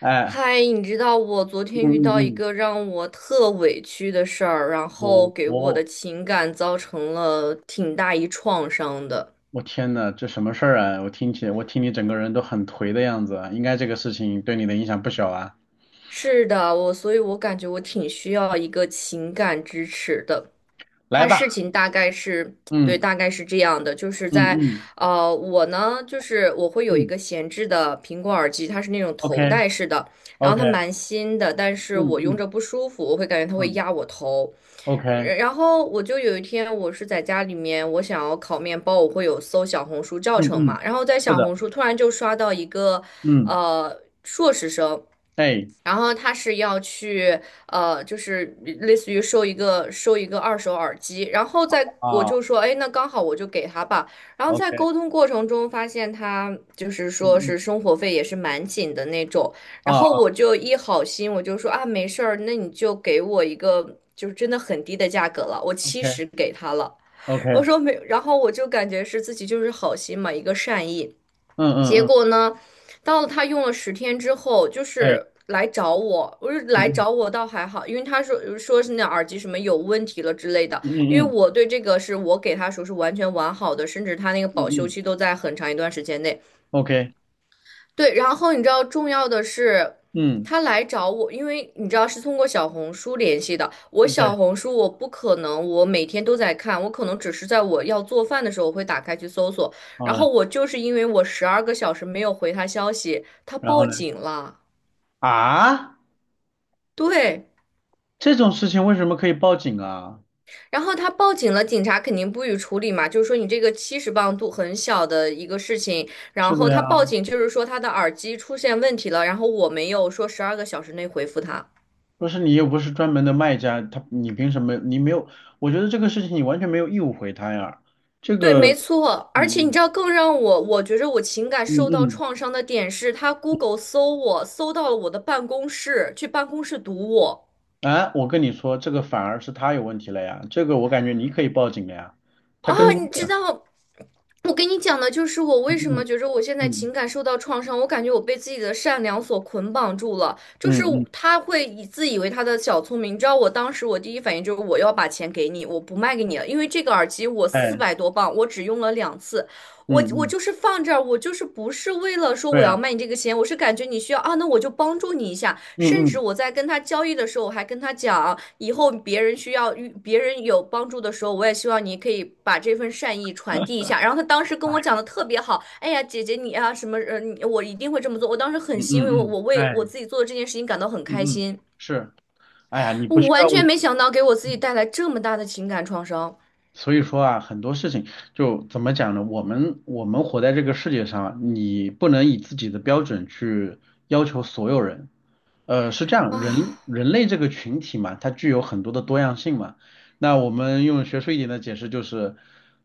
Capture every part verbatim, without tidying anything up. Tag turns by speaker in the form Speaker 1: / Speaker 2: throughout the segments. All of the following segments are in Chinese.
Speaker 1: 哎，
Speaker 2: 嗨，你知道我昨
Speaker 1: 嗯
Speaker 2: 天遇
Speaker 1: 嗯
Speaker 2: 到一
Speaker 1: 嗯，
Speaker 2: 个让我特委屈的事儿，然
Speaker 1: 我
Speaker 2: 后给我的
Speaker 1: 我
Speaker 2: 情感造成了挺大一创伤的。
Speaker 1: 我天呐，这什么事儿啊？我听起来，我听你整个人都很颓的样子啊，应该这个事情对你的影响不小啊。
Speaker 2: 是的，我，所以我感觉我挺需要一个情感支持的。
Speaker 1: 来
Speaker 2: 他事
Speaker 1: 吧。
Speaker 2: 情大概是，对，
Speaker 1: 嗯
Speaker 2: 大概是这样的，就是
Speaker 1: 嗯
Speaker 2: 在，
Speaker 1: 嗯
Speaker 2: 呃，我呢，就是我会有一
Speaker 1: 嗯
Speaker 2: 个闲置的苹果耳机，它是那种头
Speaker 1: ，OK
Speaker 2: 戴式的，然后
Speaker 1: OK。
Speaker 2: 它蛮新的，但是
Speaker 1: 嗯
Speaker 2: 我用
Speaker 1: 嗯
Speaker 2: 着不舒服，我会感觉它会
Speaker 1: 嗯
Speaker 2: 压我头，
Speaker 1: ，OK。
Speaker 2: 呃
Speaker 1: 嗯
Speaker 2: 然后我就有一天我是在家里面，我想要烤面包，我会有搜小红书教
Speaker 1: 嗯。
Speaker 2: 程嘛，然后在
Speaker 1: 是
Speaker 2: 小
Speaker 1: 的。
Speaker 2: 红书突然就刷到一个，
Speaker 1: 嗯。
Speaker 2: 呃，硕士生。
Speaker 1: 哎
Speaker 2: 然后他是要去呃，就是类似于收一个收一个二手耳机，然后在我
Speaker 1: 啊
Speaker 2: 就说，哎，那刚好我就给他吧。然后在
Speaker 1: ，OK。
Speaker 2: 沟通过程中发现他就是说
Speaker 1: 嗯
Speaker 2: 是
Speaker 1: 嗯
Speaker 2: 生活费也是蛮紧的那种，
Speaker 1: 啊
Speaker 2: 然后
Speaker 1: 啊
Speaker 2: 我就一好心，我就说啊，没事儿，那你就给我一个就是真的很低的价格了，我七
Speaker 1: ，OK
Speaker 2: 十给他了。
Speaker 1: OK。
Speaker 2: 我
Speaker 1: 嗯
Speaker 2: 说没，然后我就感觉是自己就是好心嘛，一个善意。
Speaker 1: 嗯
Speaker 2: 结
Speaker 1: 嗯。
Speaker 2: 果呢，到了他用了十天之后，就
Speaker 1: 哎。
Speaker 2: 是来找我，我是来
Speaker 1: 嗯嗯
Speaker 2: 找我倒还好，因为他说说是那耳机什么有问题了之类的，
Speaker 1: 嗯
Speaker 2: 因为
Speaker 1: 嗯
Speaker 2: 我对这个是我给他说是完全完好的，甚至他那个
Speaker 1: 嗯
Speaker 2: 保修
Speaker 1: 嗯
Speaker 2: 期都在很长一段时间内，
Speaker 1: ，OK。
Speaker 2: 对，然后你知道重要的是，
Speaker 1: 嗯。
Speaker 2: 他来找我，因为你知道是通过小红书联系的。我
Speaker 1: 对
Speaker 2: 小红书我不可能，我每天都在看，我可能只是在我要做饭的时候我会打开去搜索。然
Speaker 1: 啊。
Speaker 2: 后我就是因为我十二个小时没有回他消息，他
Speaker 1: 然后
Speaker 2: 报
Speaker 1: 呢？
Speaker 2: 警了。
Speaker 1: 啊，
Speaker 2: 对，
Speaker 1: 这种事情为什么可以报警啊？
Speaker 2: 然后他报警了，警察肯定不予处理嘛，就是说你这个七十磅度很小的一个事情，然
Speaker 1: 是
Speaker 2: 后
Speaker 1: 的呀，
Speaker 2: 他报警就是说他的耳机出现问题了，然后我没有说十二个小时内回复他。
Speaker 1: 不是，你又不是专门的卖家，他你凭什么？你没有。我觉得这个事情你完全没有义务回他呀。这
Speaker 2: 对，没
Speaker 1: 个。
Speaker 2: 错，而且你
Speaker 1: 嗯
Speaker 2: 知道，更让我我觉着我情感
Speaker 1: 嗯
Speaker 2: 受到
Speaker 1: 嗯嗯。
Speaker 2: 创伤的点是，他 Google 搜我，搜到了我的办公室，去办公室堵我
Speaker 1: 啊，我跟你说，这个反而是他有问题了呀。这个我感觉你可以报警了呀，他
Speaker 2: 啊！
Speaker 1: 跟踪
Speaker 2: 你
Speaker 1: 的
Speaker 2: 知
Speaker 1: 呀。
Speaker 2: 道，我跟你讲的就是我为什
Speaker 1: 嗯
Speaker 2: 么觉着我现在情
Speaker 1: 嗯
Speaker 2: 感受到创伤，我感觉我被自己的善良所捆绑住了，就
Speaker 1: 嗯
Speaker 2: 是
Speaker 1: 嗯。
Speaker 2: 我
Speaker 1: 嗯。
Speaker 2: 他会以自以为他的小聪明。你知道，我当时我第一反应就是我要把钱给你，我不卖给你了，因为这个耳机我四
Speaker 1: 哎。
Speaker 2: 百多磅，我只用了两次。我
Speaker 1: 嗯
Speaker 2: 我
Speaker 1: 嗯。
Speaker 2: 就是放这儿，我就是不是为了说
Speaker 1: 对
Speaker 2: 我要
Speaker 1: 呀。
Speaker 2: 卖你这个钱，我是感觉你需要啊，那我就帮助你一下。甚
Speaker 1: 嗯
Speaker 2: 至
Speaker 1: 嗯。
Speaker 2: 我在跟他交易的时候，我还跟他讲，以后别人需要遇别人有帮助的时候，我也希望你可以把这份善意传递一下。然后他当时跟
Speaker 1: 哎。
Speaker 2: 我讲的特别好，哎呀，姐姐你啊什么人，你我一定会这么做。我当时很
Speaker 1: 嗯
Speaker 2: 欣慰，我
Speaker 1: 嗯
Speaker 2: 我
Speaker 1: 嗯。
Speaker 2: 为我
Speaker 1: 哎。
Speaker 2: 自己做的这件事情感到很开
Speaker 1: 嗯嗯。
Speaker 2: 心，
Speaker 1: 是。哎呀，你不
Speaker 2: 我
Speaker 1: 需要
Speaker 2: 完全
Speaker 1: 为。
Speaker 2: 没想到给我自己带来这么大的情感创伤
Speaker 1: 所以说啊，很多事情就怎么讲呢？我们我们活在这个世界上啊，你不能以自己的标准去要求所有人。呃，是这样，人
Speaker 2: 啊。
Speaker 1: 人类这个群体嘛，它具有很多的多样性嘛。那我们用学术一点的解释就是，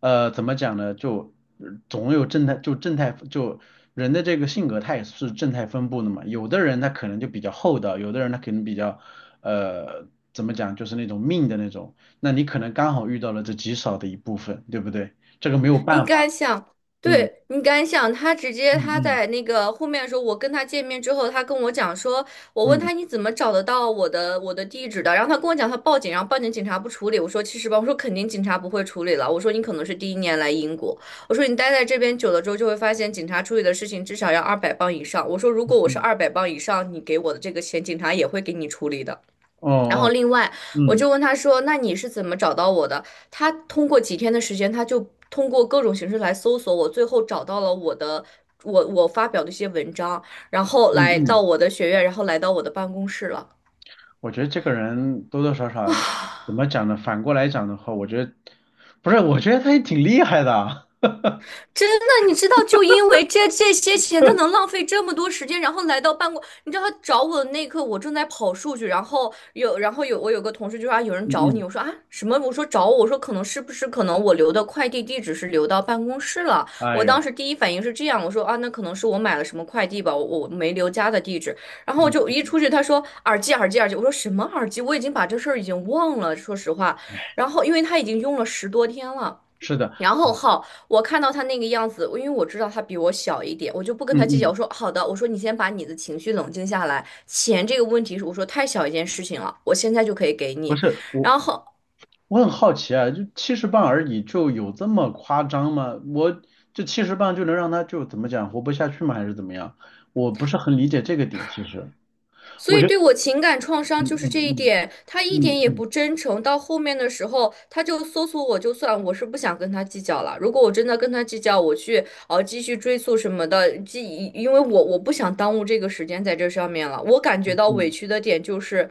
Speaker 1: 呃，怎么讲呢？就呃总有正态，就正态，就人的这个性格，它也是正态分布的嘛。有的人他可能就比较厚道，有的人他可能比较，呃，怎么讲，就是那种命的那种。那你可能刚好遇到了这极少的一部分，对不对？这个没有
Speaker 2: 你
Speaker 1: 办
Speaker 2: 敢
Speaker 1: 法。
Speaker 2: 想，
Speaker 1: 嗯
Speaker 2: 对，你敢想，他直接
Speaker 1: 嗯
Speaker 2: 他
Speaker 1: 嗯
Speaker 2: 在那个后面的时候，我跟他见面之后，他跟我讲说，我问
Speaker 1: 嗯
Speaker 2: 他你怎么找得到我的我的地址的，然后他跟我讲他报警，然后报警警察不处理，我说其实吧，我说肯定警察不会处理了，我说你可能是第一年来英国，我说你待在这边久了之后就会发现警察处理的事情至少要二百磅以上，我说如果我是
Speaker 1: 嗯。
Speaker 2: 二百磅以上，你给我的这个钱，警察也会给你处理的。
Speaker 1: 哦
Speaker 2: 然后
Speaker 1: 哦。
Speaker 2: 另外，我
Speaker 1: 嗯
Speaker 2: 就问他说：“那你是怎么找到我的？”他通过几天的时间，他就通过各种形式来搜索我，最后找到了我的我我发表的一些文章，然后
Speaker 1: 嗯
Speaker 2: 来到
Speaker 1: 嗯。
Speaker 2: 我的学院，然后来到我的办公室了。
Speaker 1: 我觉得这个人多多少 少，怎
Speaker 2: 啊。
Speaker 1: 么讲呢？反过来讲的话，我觉得不是，我觉得他也挺厉害的啊。
Speaker 2: 真的，你知道，就因为这这些钱，他能浪费这么多时间，然后来到办公，你知道他找我的那一刻，我正在跑数据，然后有，然后有我有个同事就说啊，有人
Speaker 1: 嗯
Speaker 2: 找你，
Speaker 1: 嗯。
Speaker 2: 我说啊什么？我说找我，我说可能是不是可能我留的快递地址是留到办公室了？
Speaker 1: 哎
Speaker 2: 我当
Speaker 1: 呦。
Speaker 2: 时第一反应是这样，我说啊，那可能是我买了什么快递吧，我我没留家的地址。然后我
Speaker 1: 嗯。
Speaker 2: 就一出去，他说耳机耳机耳机，我说什么耳机？我已经把这事儿已经忘了，说实话。
Speaker 1: 哎。
Speaker 2: 然后因为他已经用了十多天了。
Speaker 1: 是的。
Speaker 2: 然后
Speaker 1: 哎。
Speaker 2: 好，我看到他那个样子，因为我知道他比我小一点，我就不跟
Speaker 1: 嗯
Speaker 2: 他计较。
Speaker 1: 嗯。
Speaker 2: 我说好的，我说你先把你的情绪冷静下来。钱这个问题是我说太小一件事情了，我现在就可以给
Speaker 1: 不
Speaker 2: 你。
Speaker 1: 是我，
Speaker 2: 然后
Speaker 1: 我很好奇啊，就七十磅而已，就有这么夸张吗？我这七十磅就能让他就怎么讲活不下去吗？还是怎么样？我不是很理解这个点，其实。
Speaker 2: 所
Speaker 1: 我
Speaker 2: 以
Speaker 1: 觉得。
Speaker 2: 对我情感创伤
Speaker 1: 嗯
Speaker 2: 就是
Speaker 1: 嗯
Speaker 2: 这一
Speaker 1: 嗯
Speaker 2: 点，他一
Speaker 1: 嗯
Speaker 2: 点也
Speaker 1: 嗯
Speaker 2: 不真诚。到后面的时候，他就搜索我，就算我是不想跟他计较了。如果我真的跟他计较，我去呃继续追溯什么的，继因为我我不想耽误这个时间在这上面了。我感觉到委
Speaker 1: 嗯。
Speaker 2: 屈的点就是。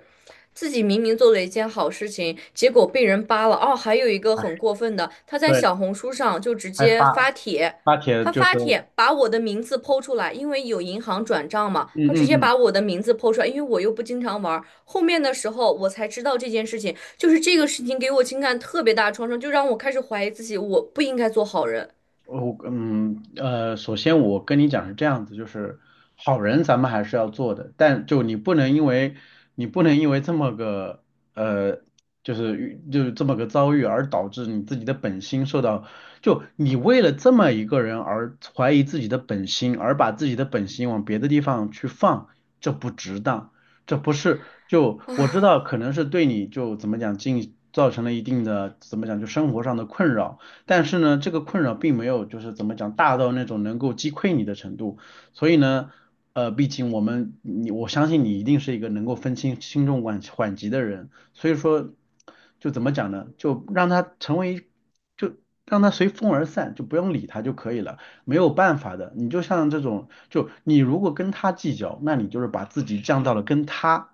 Speaker 2: 自己明明做了一件好事情，结果被人扒了。哦，还有一个
Speaker 1: 哎。
Speaker 2: 很过分的，他在
Speaker 1: 对。
Speaker 2: 小红书上就直
Speaker 1: 还
Speaker 2: 接
Speaker 1: 发
Speaker 2: 发帖，
Speaker 1: 发帖
Speaker 2: 他
Speaker 1: 就是。
Speaker 2: 发帖把我的名字剖出来，因为有银行转账嘛，
Speaker 1: 嗯
Speaker 2: 他
Speaker 1: 嗯
Speaker 2: 直接
Speaker 1: 嗯。
Speaker 2: 把我的名字剖出来，因为我又不经常玩。后面的时候我才知道这件事情，就是这个事情给我情感特别大的创伤，就让我开始怀疑自己，我不应该做好人。
Speaker 1: 呃我嗯呃，首先我跟你讲是这样子，就是好人咱们还是要做的，但就你不能因为你不能因为这么个呃，就是遇就是这么个遭遇而导致你自己的本心受到，就你为了这么一个人而怀疑自己的本心，而把自己的本心往别的地方去放，这不值当。这不是就我知道可能是对你就怎么讲进造成了一定的怎么讲就生活上的困扰。但是呢，这个困扰并没有就是怎么讲大到那种能够击溃你的程度，所以呢，呃，毕竟我们你我相信你一定是一个能够分清轻重缓缓急的人，所以说就怎么讲呢，就让它成为就让它随风而散，就不用理它就可以了。没有办法的，你就像这种就你如果跟他计较，那你就是把自己降到了跟他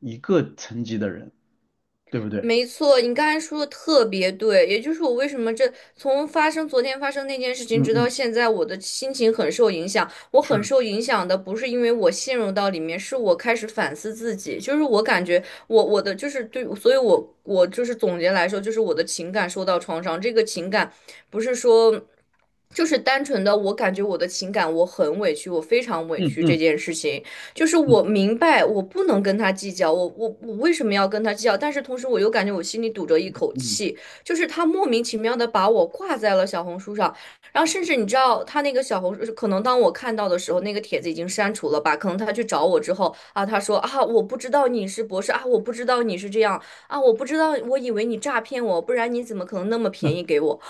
Speaker 1: 一个层级的人，对不对？
Speaker 2: 没错，你刚才说的特别对，也就是我为什么这从发生昨天发生那件事情
Speaker 1: 嗯
Speaker 2: 直到
Speaker 1: 嗯。
Speaker 2: 现在，我的心情很受影响。我
Speaker 1: 是。
Speaker 2: 很受影响的不是因为我陷入到里面，是我开始反思自己，就是我感觉我我的就是对，所以我我就是总结来说，就是我的情感受到创伤，这个情感不是说。就是单纯的，我感觉我的情感我很委屈，我非常委
Speaker 1: 嗯
Speaker 2: 屈这
Speaker 1: 嗯
Speaker 2: 件事情，就是我
Speaker 1: 嗯
Speaker 2: 明白我不能跟他计较，我我我为什么要跟他计较？但是同时我又感觉我心里堵着一口
Speaker 1: 嗯
Speaker 2: 气，就是他莫名其妙的把我挂在了小红书上，然后甚至你知道他那个小红书，可能当我看到的时候，那个帖子已经删除了吧？可能他去找我之后啊，他说啊，我不知道你是博士啊，我不知道你是这样啊，我不知道，我以为你诈骗我，不然你怎么可能那么
Speaker 1: 嗯。
Speaker 2: 便
Speaker 1: 嗯
Speaker 2: 宜给我？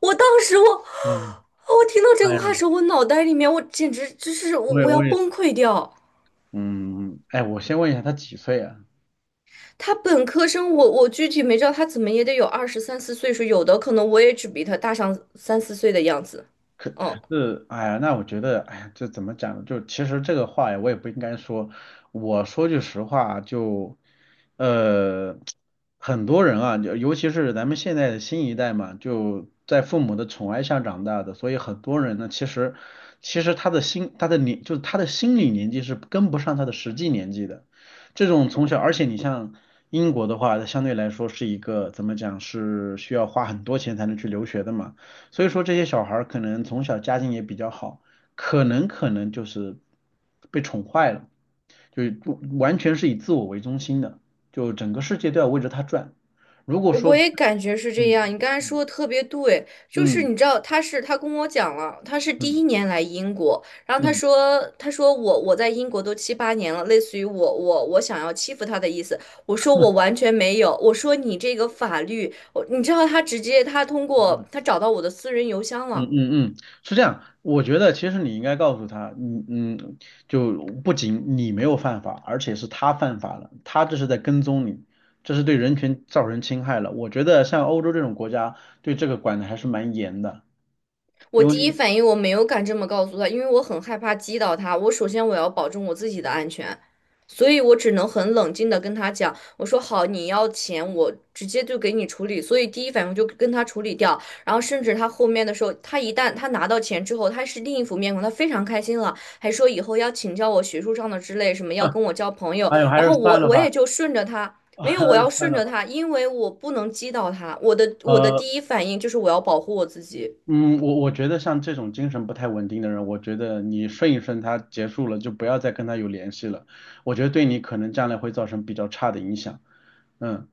Speaker 2: 我当时我。
Speaker 1: 嗯。
Speaker 2: 我听到这
Speaker 1: 哎
Speaker 2: 个
Speaker 1: 呀，
Speaker 2: 话的时候，我脑袋里面我简直就是我
Speaker 1: 我也
Speaker 2: 我要
Speaker 1: 我也，
Speaker 2: 崩溃掉。
Speaker 1: 嗯，哎，我先问一下，他几岁啊？
Speaker 2: 他本科生我，我具体没知道他怎么也得有二十三四岁数，有的可能我也只比他大上三四岁的样子。嗯，
Speaker 1: 是。哎呀，那我觉得，哎呀，这怎么讲呢？就其实这个话呀，我也不应该说。我说句实话，就，呃，很多人啊，就尤其是咱们现在的新一代嘛，就在父母的宠爱下长大的，所以很多人呢，其实，其实他的心，他的年，就是他的心理年纪是跟不上他的实际年纪的。这种从小，而且你像英国的话，它相对来说是一个怎么讲，是需要花很多钱才能去留学的嘛。所以说这些小孩儿可能从小家境也比较好，可能可能就是被宠坏了，就是不完全是以自我为中心的，就整个世界都要围着他转。如果
Speaker 2: 我
Speaker 1: 说，
Speaker 2: 也感觉是这
Speaker 1: 嗯
Speaker 2: 样。你刚才
Speaker 1: 嗯
Speaker 2: 说的特别对，就是
Speaker 1: 嗯
Speaker 2: 你知道他是他跟我讲了，他是第
Speaker 1: 嗯
Speaker 2: 一年来英国，然后
Speaker 1: 嗯
Speaker 2: 他
Speaker 1: 嗯
Speaker 2: 说他说我我在英国都七八年了，类似于我我我想要欺负他的意思。我说我完全没有，我说你这个法律，我你知道他直接他通
Speaker 1: 嗯
Speaker 2: 过他找到我的私人邮箱
Speaker 1: 嗯，
Speaker 2: 了。
Speaker 1: 嗯嗯。是这样，我觉得其实你应该告诉他，嗯嗯，就不仅你没有犯法，而且是他犯法了，他这是在跟踪你，这是对人权造成侵害了。我觉得像欧洲这种国家对这个管的还是蛮严的。
Speaker 2: 我
Speaker 1: 因
Speaker 2: 第一
Speaker 1: 为
Speaker 2: 反应我没有敢这么告诉他，因为我很害怕击倒他。我首先我要保证我自己的安全，所以我只能很冷静的跟他讲，我说好，你要钱我直接就给你处理。所以第一反应我就跟他处理掉。然后甚至他后面的时候，他一旦他拿到钱之后，他是另一副面孔，他非常开心了，还说以后要请教我学术上的之类，什么要跟我交朋友。
Speaker 1: 哎呦，还
Speaker 2: 然
Speaker 1: 是
Speaker 2: 后
Speaker 1: 算
Speaker 2: 我
Speaker 1: 了
Speaker 2: 我
Speaker 1: 吧。
Speaker 2: 也就顺着他。没
Speaker 1: 还
Speaker 2: 有，我要
Speaker 1: 是算
Speaker 2: 顺
Speaker 1: 了
Speaker 2: 着
Speaker 1: 吧。
Speaker 2: 他，因为我不能击倒他。我的我的
Speaker 1: 呃，
Speaker 2: 第一反应就是我要保护我自己
Speaker 1: 嗯，我我觉得像这种精神不太稳定的人，我觉得你顺一顺他，结束了就不要再跟他有联系了。我觉得对你可能将来会造成比较差的影响。嗯。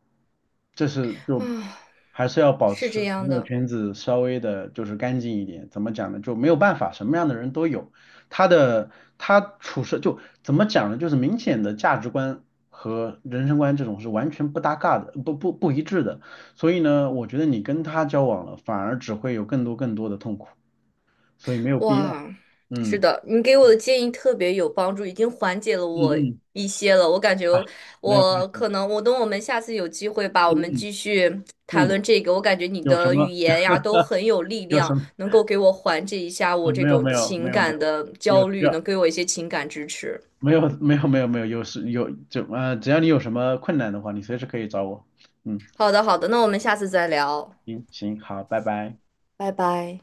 Speaker 1: 这是就
Speaker 2: 啊。
Speaker 1: 还是要保
Speaker 2: 是这
Speaker 1: 持朋
Speaker 2: 样
Speaker 1: 友
Speaker 2: 的，
Speaker 1: 圈子稍微的，就是干净一点。怎么讲呢？就没有办法，什么样的人都有。他的他处事就怎么讲呢？就是明显的价值观和人生观这种是完全不搭嘎的，不不不一致的。所以呢，我觉得你跟他交往了，反而只会有更多更多的痛苦，所以没有必要。
Speaker 2: 哇，是
Speaker 1: 嗯
Speaker 2: 的，你给我的建议特别有帮助，已经缓解了
Speaker 1: 嗯
Speaker 2: 我
Speaker 1: 嗯。
Speaker 2: 一些了。我感觉
Speaker 1: 啊，没有关
Speaker 2: 我
Speaker 1: 系。
Speaker 2: 可能，我等我们下次有机会吧，我们
Speaker 1: 嗯
Speaker 2: 继续
Speaker 1: 嗯
Speaker 2: 谈
Speaker 1: 嗯。
Speaker 2: 论这个。我感觉你
Speaker 1: 有什
Speaker 2: 的语
Speaker 1: 么
Speaker 2: 言呀都很有力
Speaker 1: 有什
Speaker 2: 量，
Speaker 1: 么？
Speaker 2: 能够给我缓解一下我
Speaker 1: 嗯，
Speaker 2: 这
Speaker 1: 没有
Speaker 2: 种
Speaker 1: 没有没
Speaker 2: 情
Speaker 1: 有没
Speaker 2: 感
Speaker 1: 有，
Speaker 2: 的
Speaker 1: 有
Speaker 2: 焦
Speaker 1: 需
Speaker 2: 虑，能
Speaker 1: 要。
Speaker 2: 给我一些情感支持。
Speaker 1: 没有没有没有没有，有时有就呃，只要你有什么困难的话，你随时可以找我。嗯。
Speaker 2: 好的，好的，那我们下次再聊，
Speaker 1: 行行，好，拜拜。
Speaker 2: 拜拜。